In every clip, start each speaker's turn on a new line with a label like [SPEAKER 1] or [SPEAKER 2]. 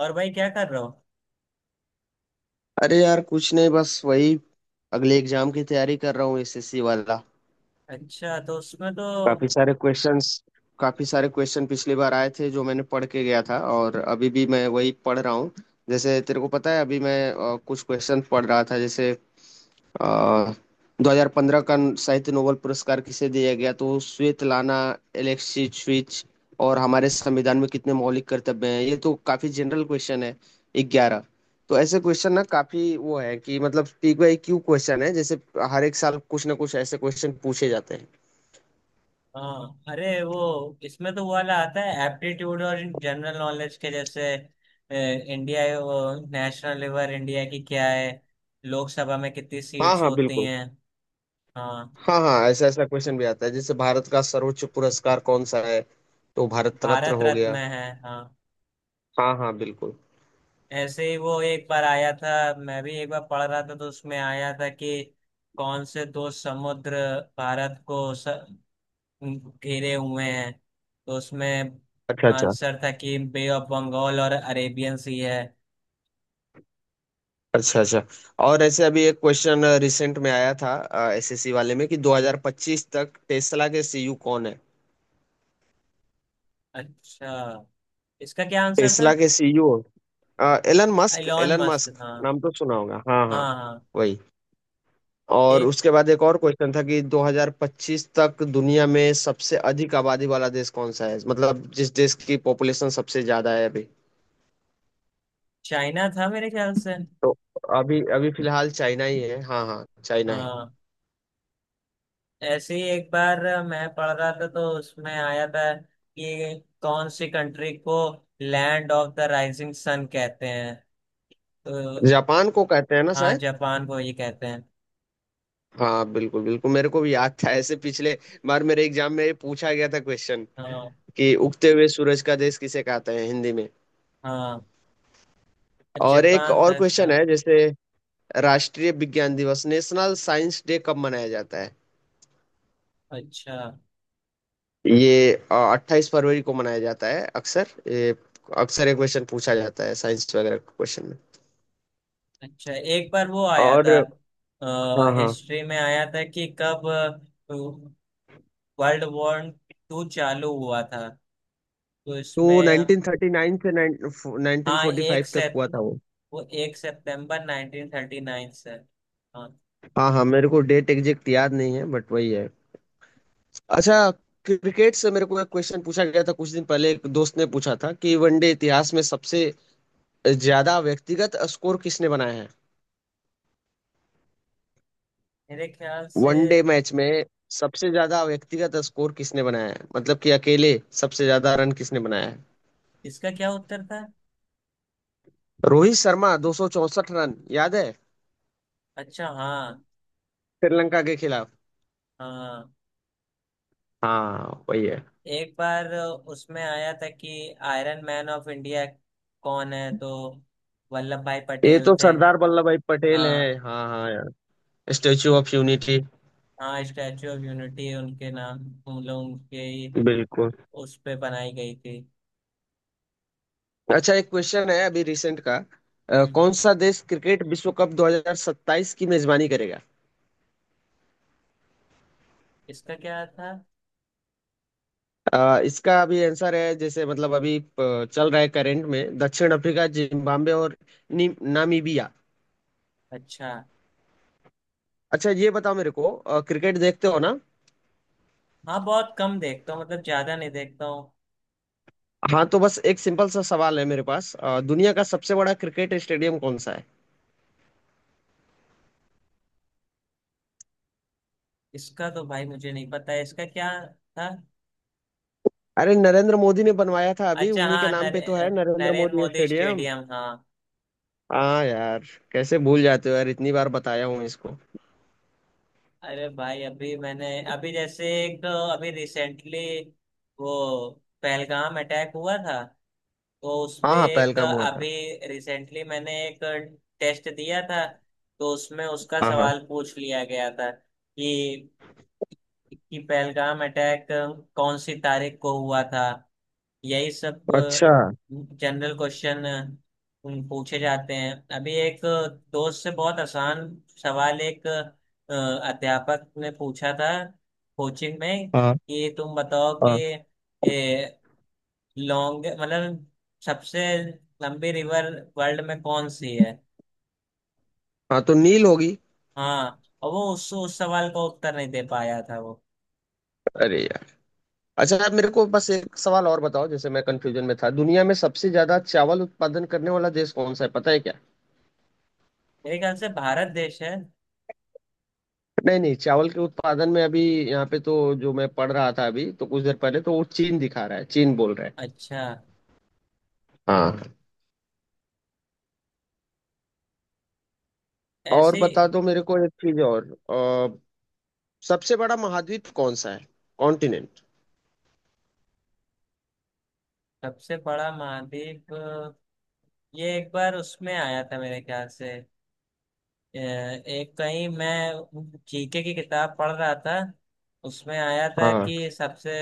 [SPEAKER 1] और भाई क्या कर रहे हो?
[SPEAKER 2] अरे यार, कुछ नहीं, बस वही अगले एग्जाम की तैयारी कर रहा हूँ। एसएससी वाला।
[SPEAKER 1] अच्छा, तो उसमें तो
[SPEAKER 2] काफी सारे क्वेश्चंस, काफी सारे क्वेश्चन पिछली बार आए थे जो मैंने पढ़ के गया था, और अभी भी मैं वही पढ़ रहा हूँ। जैसे तेरे को पता है, अभी मैं कुछ क्वेश्चन पढ़ रहा था, जैसे अ, 2015 का साहित्य नोबेल पुरस्कार किसे दिया गया? तो स्वेतलाना एलेक्सीविच। और हमारे संविधान में कितने मौलिक कर्तव्य हैं? ये तो काफी जनरल क्वेश्चन है। 11। तो ऐसे क्वेश्चन ना काफी वो है कि, मतलब, पीक बाई क्यू क्वेश्चन है, जैसे हर एक साल कुछ ना कुछ ऐसे क्वेश्चन पूछे जाते हैं।
[SPEAKER 1] हाँ, अरे वो इसमें तो वो वाला आता है एप्टीट्यूड और जनरल नॉलेज के जैसे इंडिया, नेशनल लेवल इंडिया की क्या है, लोकसभा में कितनी
[SPEAKER 2] हाँ
[SPEAKER 1] सीट्स
[SPEAKER 2] हाँ,
[SPEAKER 1] होती
[SPEAKER 2] बिल्कुल।
[SPEAKER 1] हैं। हाँ,
[SPEAKER 2] हाँ हाँ, ऐसा ऐसा क्वेश्चन भी आता है, जैसे भारत का सर्वोच्च पुरस्कार कौन सा है? तो भारत रत्न
[SPEAKER 1] भारत
[SPEAKER 2] हो
[SPEAKER 1] रत्न
[SPEAKER 2] गया।
[SPEAKER 1] है हाँ।
[SPEAKER 2] हाँ हाँ, बिल्कुल।
[SPEAKER 1] ऐसे ही वो एक बार आया था। मैं भी एक बार पढ़ रहा था तो उसमें आया था कि कौन से दो समुद्र भारत को घेरे हुए हैं, तो उसमें
[SPEAKER 2] अच्छा अच्छा।
[SPEAKER 1] आंसर था कि बे ऑफ बंगाल और अरेबियन सी है।
[SPEAKER 2] अच्छा अच्छा। और ऐसे अभी एक क्वेश्चन रिसेंट में आया था एसएससी वाले में, कि 2025 तक टेस्ला के सीईओ कौन है?
[SPEAKER 1] अच्छा, इसका क्या आंसर था?
[SPEAKER 2] टेस्ला के CEO Elon Musk.
[SPEAKER 1] Elon
[SPEAKER 2] Elon
[SPEAKER 1] Musk,
[SPEAKER 2] Musk,
[SPEAKER 1] हाँ
[SPEAKER 2] नाम तो सुना होगा। हाँ हाँ,
[SPEAKER 1] हाँ। हाँ,
[SPEAKER 2] वही। और
[SPEAKER 1] एक
[SPEAKER 2] उसके बाद एक और क्वेश्चन था कि 2025 तक दुनिया में सबसे अधिक आबादी वाला देश कौन सा है, मतलब जिस देश की पॉपुलेशन सबसे ज्यादा है अभी।
[SPEAKER 1] चाइना था मेरे ख्याल से।
[SPEAKER 2] तो अभी अभी फिलहाल चाइना ही है। हाँ हाँ, चाइना है।
[SPEAKER 1] हाँ, ऐसे ही एक बार मैं पढ़ रहा था तो उसमें आया था कि कौन सी कंट्री को land of the rising sun कहते हैं, तो
[SPEAKER 2] जापान को कहते हैं ना?
[SPEAKER 1] हाँ, जापान को ये कहते हैं।
[SPEAKER 2] हाँ, बिल्कुल बिल्कुल, मेरे को भी याद था। ऐसे पिछले बार मेरे एग्जाम में ये पूछा गया था क्वेश्चन,
[SPEAKER 1] हाँ
[SPEAKER 2] कि उगते हुए सूरज का देश किसे कहते हैं हिंदी में।
[SPEAKER 1] हाँ,
[SPEAKER 2] और एक
[SPEAKER 1] जापान
[SPEAKER 2] और
[SPEAKER 1] था इसका।
[SPEAKER 2] क्वेश्चन है, जैसे राष्ट्रीय विज्ञान दिवस, नेशनल साइंस डे, कब मनाया जाता है?
[SPEAKER 1] अच्छा
[SPEAKER 2] ये 28 फरवरी को मनाया जाता है अक्सर। ये, अक्सर ये क्वेश्चन पूछा जाता है साइंस वगैरह क्वेश्चन में।
[SPEAKER 1] अच्छा, एक बार वो आया
[SPEAKER 2] और
[SPEAKER 1] था,
[SPEAKER 2] हाँ हाँ,
[SPEAKER 1] हिस्ट्री में आया था कि कब वर्ल्ड वॉर टू चालू हुआ था, तो
[SPEAKER 2] तो
[SPEAKER 1] इसमें
[SPEAKER 2] 1939 से
[SPEAKER 1] हाँ, एक
[SPEAKER 2] 1945 तक
[SPEAKER 1] सेप
[SPEAKER 2] हुआ था वो।
[SPEAKER 1] वो एक सितंबर 1939 से, हाँ।
[SPEAKER 2] हाँ हाँ, मेरे को डेट एग्जैक्ट याद नहीं है, बट वही है। अच्छा, क्रिकेट से मेरे को एक क्वेश्चन पूछा गया था कुछ दिन पहले, एक दोस्त ने पूछा था कि वनडे इतिहास में सबसे ज्यादा व्यक्तिगत स्कोर किसने बनाया है,
[SPEAKER 1] मेरे ख्याल से
[SPEAKER 2] वनडे मैच में सबसे ज्यादा व्यक्तिगत स्कोर किसने बनाया है, मतलब कि अकेले सबसे ज्यादा रन किसने बनाया है।
[SPEAKER 1] इसका क्या उत्तर था?
[SPEAKER 2] रोहित शर्मा, 264 रन, याद है,
[SPEAKER 1] अच्छा हाँ
[SPEAKER 2] श्रीलंका के खिलाफ।
[SPEAKER 1] हाँ।
[SPEAKER 2] हाँ वही है।
[SPEAKER 1] एक बार उसमें आया था कि आयरन मैन ऑफ इंडिया कौन है, तो वल्लभ भाई
[SPEAKER 2] ये
[SPEAKER 1] पटेल
[SPEAKER 2] तो
[SPEAKER 1] थे।
[SPEAKER 2] सरदार वल्लभ भाई पटेल हैं।
[SPEAKER 1] हाँ,
[SPEAKER 2] हाँ हाँ यार, स्टेच्यू ऑफ यूनिटी।
[SPEAKER 1] हाँ स्टैचू ऑफ यूनिटी उनके नाम, उन लोग उनके ही
[SPEAKER 2] बिल्कुल।
[SPEAKER 1] उस पे बनाई गई थी।
[SPEAKER 2] अच्छा, एक क्वेश्चन है अभी रिसेंट का। कौन
[SPEAKER 1] हम्म,
[SPEAKER 2] सा देश क्रिकेट विश्व कप 2027 की मेजबानी करेगा?
[SPEAKER 1] इसका क्या था?
[SPEAKER 2] इसका अभी आंसर है, जैसे मतलब अभी चल रहा है करंट में, दक्षिण अफ्रीका, जिम्बाब्वे और नामीबिया।
[SPEAKER 1] अच्छा,
[SPEAKER 2] अच्छा, ये बताओ मेरे को, क्रिकेट देखते हो ना?
[SPEAKER 1] हाँ बहुत कम देखता हूँ, मतलब ज्यादा नहीं देखता हूँ।
[SPEAKER 2] हाँ तो बस एक सिंपल सा सवाल है मेरे पास, दुनिया का सबसे बड़ा क्रिकेट स्टेडियम कौन सा है?
[SPEAKER 1] इसका तो भाई मुझे नहीं पता है, इसका क्या था?
[SPEAKER 2] अरे, नरेंद्र मोदी ने बनवाया था अभी,
[SPEAKER 1] अच्छा
[SPEAKER 2] उन्हीं के
[SPEAKER 1] हाँ,
[SPEAKER 2] नाम पे तो है, नरेंद्र
[SPEAKER 1] नरेंद्र
[SPEAKER 2] मोदी
[SPEAKER 1] मोदी
[SPEAKER 2] स्टेडियम।
[SPEAKER 1] स्टेडियम हाँ।
[SPEAKER 2] हाँ यार, कैसे भूल जाते हो यार, इतनी बार बताया हूँ इसको।
[SPEAKER 1] अरे भाई, अभी मैंने अभी जैसे एक अभी रिसेंटली वो पहलगाम अटैक हुआ था, तो
[SPEAKER 2] हाँ
[SPEAKER 1] उसपे
[SPEAKER 2] हाँ,
[SPEAKER 1] एक
[SPEAKER 2] पहलगाम हुआ था।
[SPEAKER 1] अभी रिसेंटली मैंने एक टेस्ट दिया था, तो उसमें उसका
[SPEAKER 2] हाँ हाँ।
[SPEAKER 1] सवाल पूछ लिया गया था कि पहलगाम अटैक कौन सी तारीख को हुआ था, यही सब
[SPEAKER 2] अच्छा।
[SPEAKER 1] जनरल क्वेश्चन पूछे जाते हैं। अभी एक दोस्त से बहुत आसान सवाल एक अध्यापक ने पूछा था कोचिंग में
[SPEAKER 2] हाँ।
[SPEAKER 1] कि तुम बताओ कि
[SPEAKER 2] हाँ,
[SPEAKER 1] लॉन्ग मतलब सबसे लंबी रिवर वर्ल्ड में कौन सी है।
[SPEAKER 2] हाँ तो नील होगी।
[SPEAKER 1] हाँ, और वो उस सवाल का उत्तर नहीं दे पाया था वो।
[SPEAKER 2] अरे यार। अच्छा, आप मेरे को बस एक सवाल और बताओ, जैसे मैं कंफ्यूजन में था, दुनिया में सबसे ज्यादा चावल उत्पादन करने वाला देश कौन सा है, पता है क्या?
[SPEAKER 1] मेरे ख्याल से भारत देश है।
[SPEAKER 2] नहीं नहीं, चावल के उत्पादन में अभी, यहाँ पे तो, जो मैं पढ़ रहा था अभी तो कुछ देर पहले, तो वो चीन दिखा रहा है, चीन बोल रहा है।
[SPEAKER 1] अच्छा,
[SPEAKER 2] हाँ। और
[SPEAKER 1] ऐसी
[SPEAKER 2] बता दो मेरे को एक चीज और, अ, सबसे बड़ा महाद्वीप कौन सा है? कॉन्टिनेंट।
[SPEAKER 1] सबसे बड़ा महाद्वीप, ये एक बार उसमें आया था मेरे ख्याल से। एक कहीं मैं जीके की किताब पढ़ रहा था, उसमें आया था
[SPEAKER 2] हाँ।
[SPEAKER 1] कि सबसे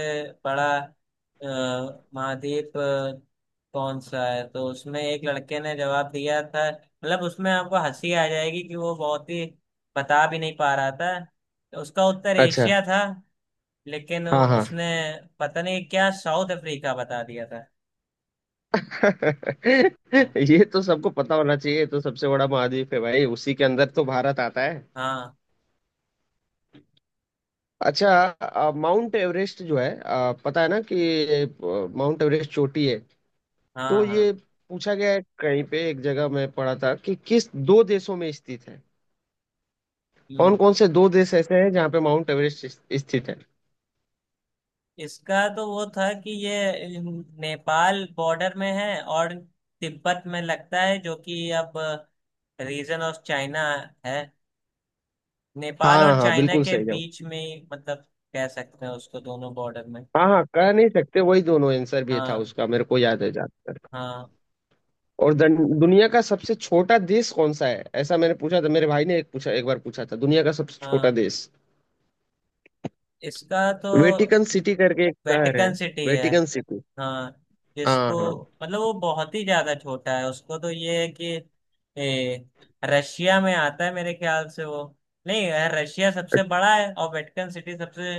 [SPEAKER 1] बड़ा महाद्वीप कौन सा है, तो उसमें एक लड़के ने जवाब दिया था, मतलब उसमें आपको हंसी आ जाएगी कि वो बहुत ही बता भी नहीं पा रहा था, तो उसका उत्तर
[SPEAKER 2] अच्छा।
[SPEAKER 1] एशिया था, लेकिन
[SPEAKER 2] हाँ हाँ।
[SPEAKER 1] उसने पता नहीं क्या साउथ अफ्रीका बता दिया था। हाँ
[SPEAKER 2] ये तो सबको पता होना चाहिए। ये तो सबसे बड़ा महाद्वीप है भाई, उसी के अंदर तो भारत आता है।
[SPEAKER 1] हाँ।
[SPEAKER 2] अच्छा, माउंट एवरेस्ट जो है, पता है ना कि माउंट एवरेस्ट चोटी है? तो
[SPEAKER 1] हाँ हाँ।
[SPEAKER 2] ये पूछा गया है कहीं पे, एक जगह मैं पढ़ा था कि किस दो देशों में स्थित है, कौन
[SPEAKER 1] हम्म।
[SPEAKER 2] कौन से दो देश ऐसे हैं जहाँ पे माउंट एवरेस्ट स्थित है?
[SPEAKER 1] इसका तो वो था कि ये नेपाल बॉर्डर में है और तिब्बत में लगता है जो कि अब रीजन ऑफ चाइना है, नेपाल
[SPEAKER 2] हाँ
[SPEAKER 1] और
[SPEAKER 2] हाँ,
[SPEAKER 1] चाइना
[SPEAKER 2] बिल्कुल
[SPEAKER 1] के
[SPEAKER 2] सही जवाब।
[SPEAKER 1] बीच में ही, मतलब कह सकते हैं उसको दोनों बॉर्डर में।
[SPEAKER 2] हाँ हाँ, कह नहीं सकते, वही दोनों आंसर भी था
[SPEAKER 1] हाँ
[SPEAKER 2] उसका, मेरे को याद है जाता।
[SPEAKER 1] हाँ।
[SPEAKER 2] और दुनिया का सबसे छोटा देश कौन सा है, ऐसा मैंने पूछा था, मेरे भाई ने एक पूछा, एक बार पूछा था, दुनिया का सबसे छोटा
[SPEAKER 1] हाँ,
[SPEAKER 2] देश।
[SPEAKER 1] इसका तो
[SPEAKER 2] वेटिकन सिटी करके एक शहर है।
[SPEAKER 1] वेटिकन सिटी है।
[SPEAKER 2] Vatican City.
[SPEAKER 1] हाँ,
[SPEAKER 2] हाँ
[SPEAKER 1] जिसको
[SPEAKER 2] हाँ।
[SPEAKER 1] मतलब वो बहुत ही ज्यादा छोटा है, उसको तो ये है कि ए, रशिया में आता है मेरे ख्याल से वो। नहीं, रशिया सबसे बड़ा है और वेटिकन सिटी सबसे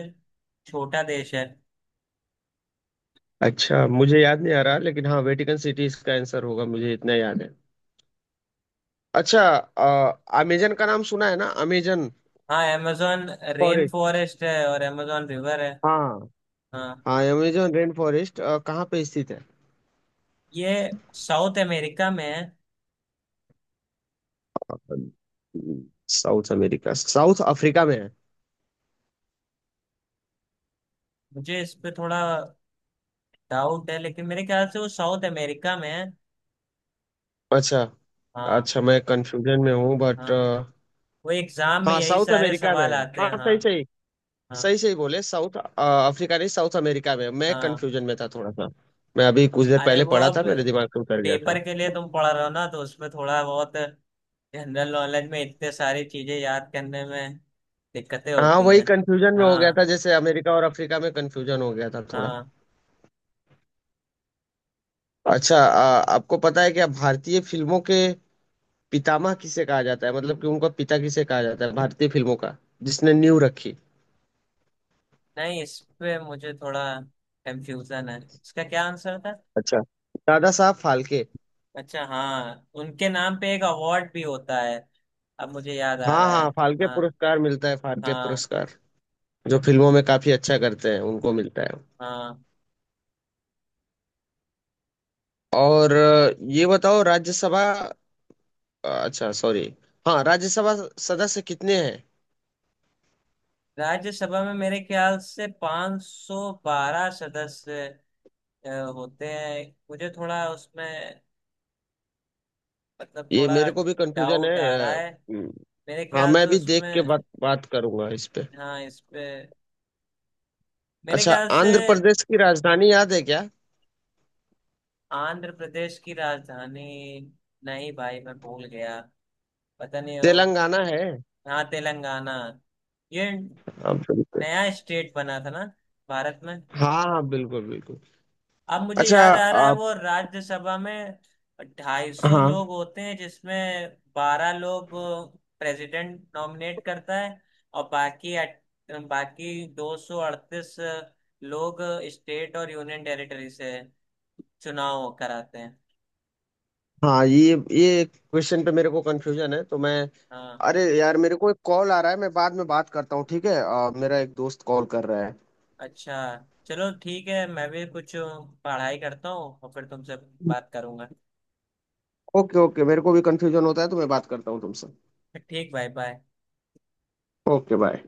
[SPEAKER 1] छोटा देश है।
[SPEAKER 2] अच्छा, मुझे याद नहीं आ रहा, लेकिन हाँ, वेटिकन सिटी इसका आंसर होगा, मुझे इतना याद है। अच्छा, अमेजन का नाम सुना है ना? अमेजन
[SPEAKER 1] हाँ, amazon रेन
[SPEAKER 2] फॉरेस्ट।
[SPEAKER 1] फॉरेस्ट है और amazon रिवर है।
[SPEAKER 2] हाँ।
[SPEAKER 1] हाँ,
[SPEAKER 2] हाँ, अमेजन रेन फॉरेस्ट कहाँ पे स्थित है?
[SPEAKER 1] ये साउथ अमेरिका में है।
[SPEAKER 2] साउथ अमेरिका, साउथ अफ्रीका में है?
[SPEAKER 1] मुझे इस पे थोड़ा डाउट है, लेकिन मेरे ख्याल से वो साउथ अमेरिका में है।
[SPEAKER 2] अच्छा
[SPEAKER 1] हाँ
[SPEAKER 2] अच्छा, मैं कंफ्यूजन में हूँ बट,
[SPEAKER 1] हाँ। वो एग्जाम में
[SPEAKER 2] हाँ
[SPEAKER 1] यही
[SPEAKER 2] साउथ
[SPEAKER 1] सारे
[SPEAKER 2] अमेरिका में
[SPEAKER 1] सवाल
[SPEAKER 2] है,
[SPEAKER 1] आते
[SPEAKER 2] हाँ
[SPEAKER 1] हैं, हाँ
[SPEAKER 2] सही सही,
[SPEAKER 1] हाँ
[SPEAKER 2] सही सही बोले, साउथ अफ्रीका नहीं, साउथ अमेरिका में। मैं
[SPEAKER 1] हाँ।
[SPEAKER 2] कंफ्यूजन में था थोड़ा सा। मैं अभी कुछ देर
[SPEAKER 1] अरे
[SPEAKER 2] पहले
[SPEAKER 1] वो
[SPEAKER 2] पढ़ा
[SPEAKER 1] अब
[SPEAKER 2] था, मेरे दिमाग से उतर गया था।
[SPEAKER 1] पेपर के लिए तुम पढ़ रहे हो ना, तो उसमें थोड़ा बहुत जनरल नॉलेज में इतने सारी चीजें याद करने में दिक्कतें
[SPEAKER 2] हाँ
[SPEAKER 1] होती
[SPEAKER 2] वही
[SPEAKER 1] हैं।
[SPEAKER 2] कंफ्यूजन में हो गया
[SPEAKER 1] हाँ
[SPEAKER 2] था, जैसे अमेरिका और अफ्रीका में कंफ्यूजन हो गया था थोड़ा।
[SPEAKER 1] हाँ।
[SPEAKER 2] अच्छा, आपको पता है क्या, भारतीय फिल्मों के पितामह किसे कहा जाता है, मतलब कि उनका पिता किसे कहा जाता है भारतीय फिल्मों का, जिसने नींव रखी?
[SPEAKER 1] नहीं, इस पे मुझे थोड़ा कंफ्यूजन है, इसका क्या आंसर था?
[SPEAKER 2] अच्छा, दादा साहब फाल्के।
[SPEAKER 1] अच्छा, हाँ उनके नाम पे एक अवार्ड भी होता है, अब मुझे याद आ
[SPEAKER 2] हाँ
[SPEAKER 1] रहा
[SPEAKER 2] हाँ,
[SPEAKER 1] है।
[SPEAKER 2] फाल्के
[SPEAKER 1] हाँ
[SPEAKER 2] पुरस्कार मिलता है, फाल्के
[SPEAKER 1] हाँ।
[SPEAKER 2] पुरस्कार, जो फिल्मों में काफी अच्छा करते हैं उनको मिलता है।
[SPEAKER 1] हाँ,
[SPEAKER 2] और ये बताओ राज्यसभा, अच्छा सॉरी, हाँ, राज्यसभा सदस्य कितने हैं?
[SPEAKER 1] राज्यसभा में मेरे ख्याल से 512 सदस्य अ, होते हैं। मुझे थोड़ा उसमें मतलब
[SPEAKER 2] ये
[SPEAKER 1] थोड़ा
[SPEAKER 2] मेरे को भी कंफ्यूजन है।
[SPEAKER 1] डाउट आ रहा है,
[SPEAKER 2] हम्म,
[SPEAKER 1] मेरे
[SPEAKER 2] हाँ,
[SPEAKER 1] ख्याल
[SPEAKER 2] मैं
[SPEAKER 1] से
[SPEAKER 2] भी देख के
[SPEAKER 1] उसमें
[SPEAKER 2] बात बात करूंगा इस पे।
[SPEAKER 1] हाँ, इस पे मेरे
[SPEAKER 2] अच्छा,
[SPEAKER 1] ख्याल से
[SPEAKER 2] आंध्र प्रदेश की राजधानी याद है क्या?
[SPEAKER 1] आंध्र प्रदेश की राजधानी नहीं भाई, मैं भूल गया, पता नहीं। और
[SPEAKER 2] तेलंगाना है।
[SPEAKER 1] हाँ, तेलंगाना, ये
[SPEAKER 2] हाँ बिल्कुल।
[SPEAKER 1] नया स्टेट बना था ना भारत में।
[SPEAKER 2] हाँ हाँ, बिल्कुल बिल्कुल।
[SPEAKER 1] अब मुझे
[SPEAKER 2] अच्छा
[SPEAKER 1] याद आ रहा है
[SPEAKER 2] आप।
[SPEAKER 1] वो राज्यसभा में 250
[SPEAKER 2] हाँ
[SPEAKER 1] लोग होते हैं, जिसमें 12 लोग प्रेसिडेंट नॉमिनेट करता है, और बाकी बाकी 238 लोग स्टेट और यूनियन टेरिटरी से चुनाव कराते हैं।
[SPEAKER 2] हाँ, ये क्वेश्चन पे मेरे को कंफ्यूजन है, तो मैं,
[SPEAKER 1] हाँ,
[SPEAKER 2] अरे यार, मेरे को एक कॉल आ रहा है, मैं बाद में बात करता हूँ, ठीक है? मेरा एक दोस्त कॉल कर रहा है।
[SPEAKER 1] अच्छा, चलो ठीक है, मैं भी कुछ पढ़ाई करता हूँ और फिर तुमसे बात करूंगा।
[SPEAKER 2] ओके ओके, मेरे को भी कंफ्यूजन होता है, तो मैं बात करता हूँ तुमसे।
[SPEAKER 1] ठीक भाई, बाय।
[SPEAKER 2] Okay bye.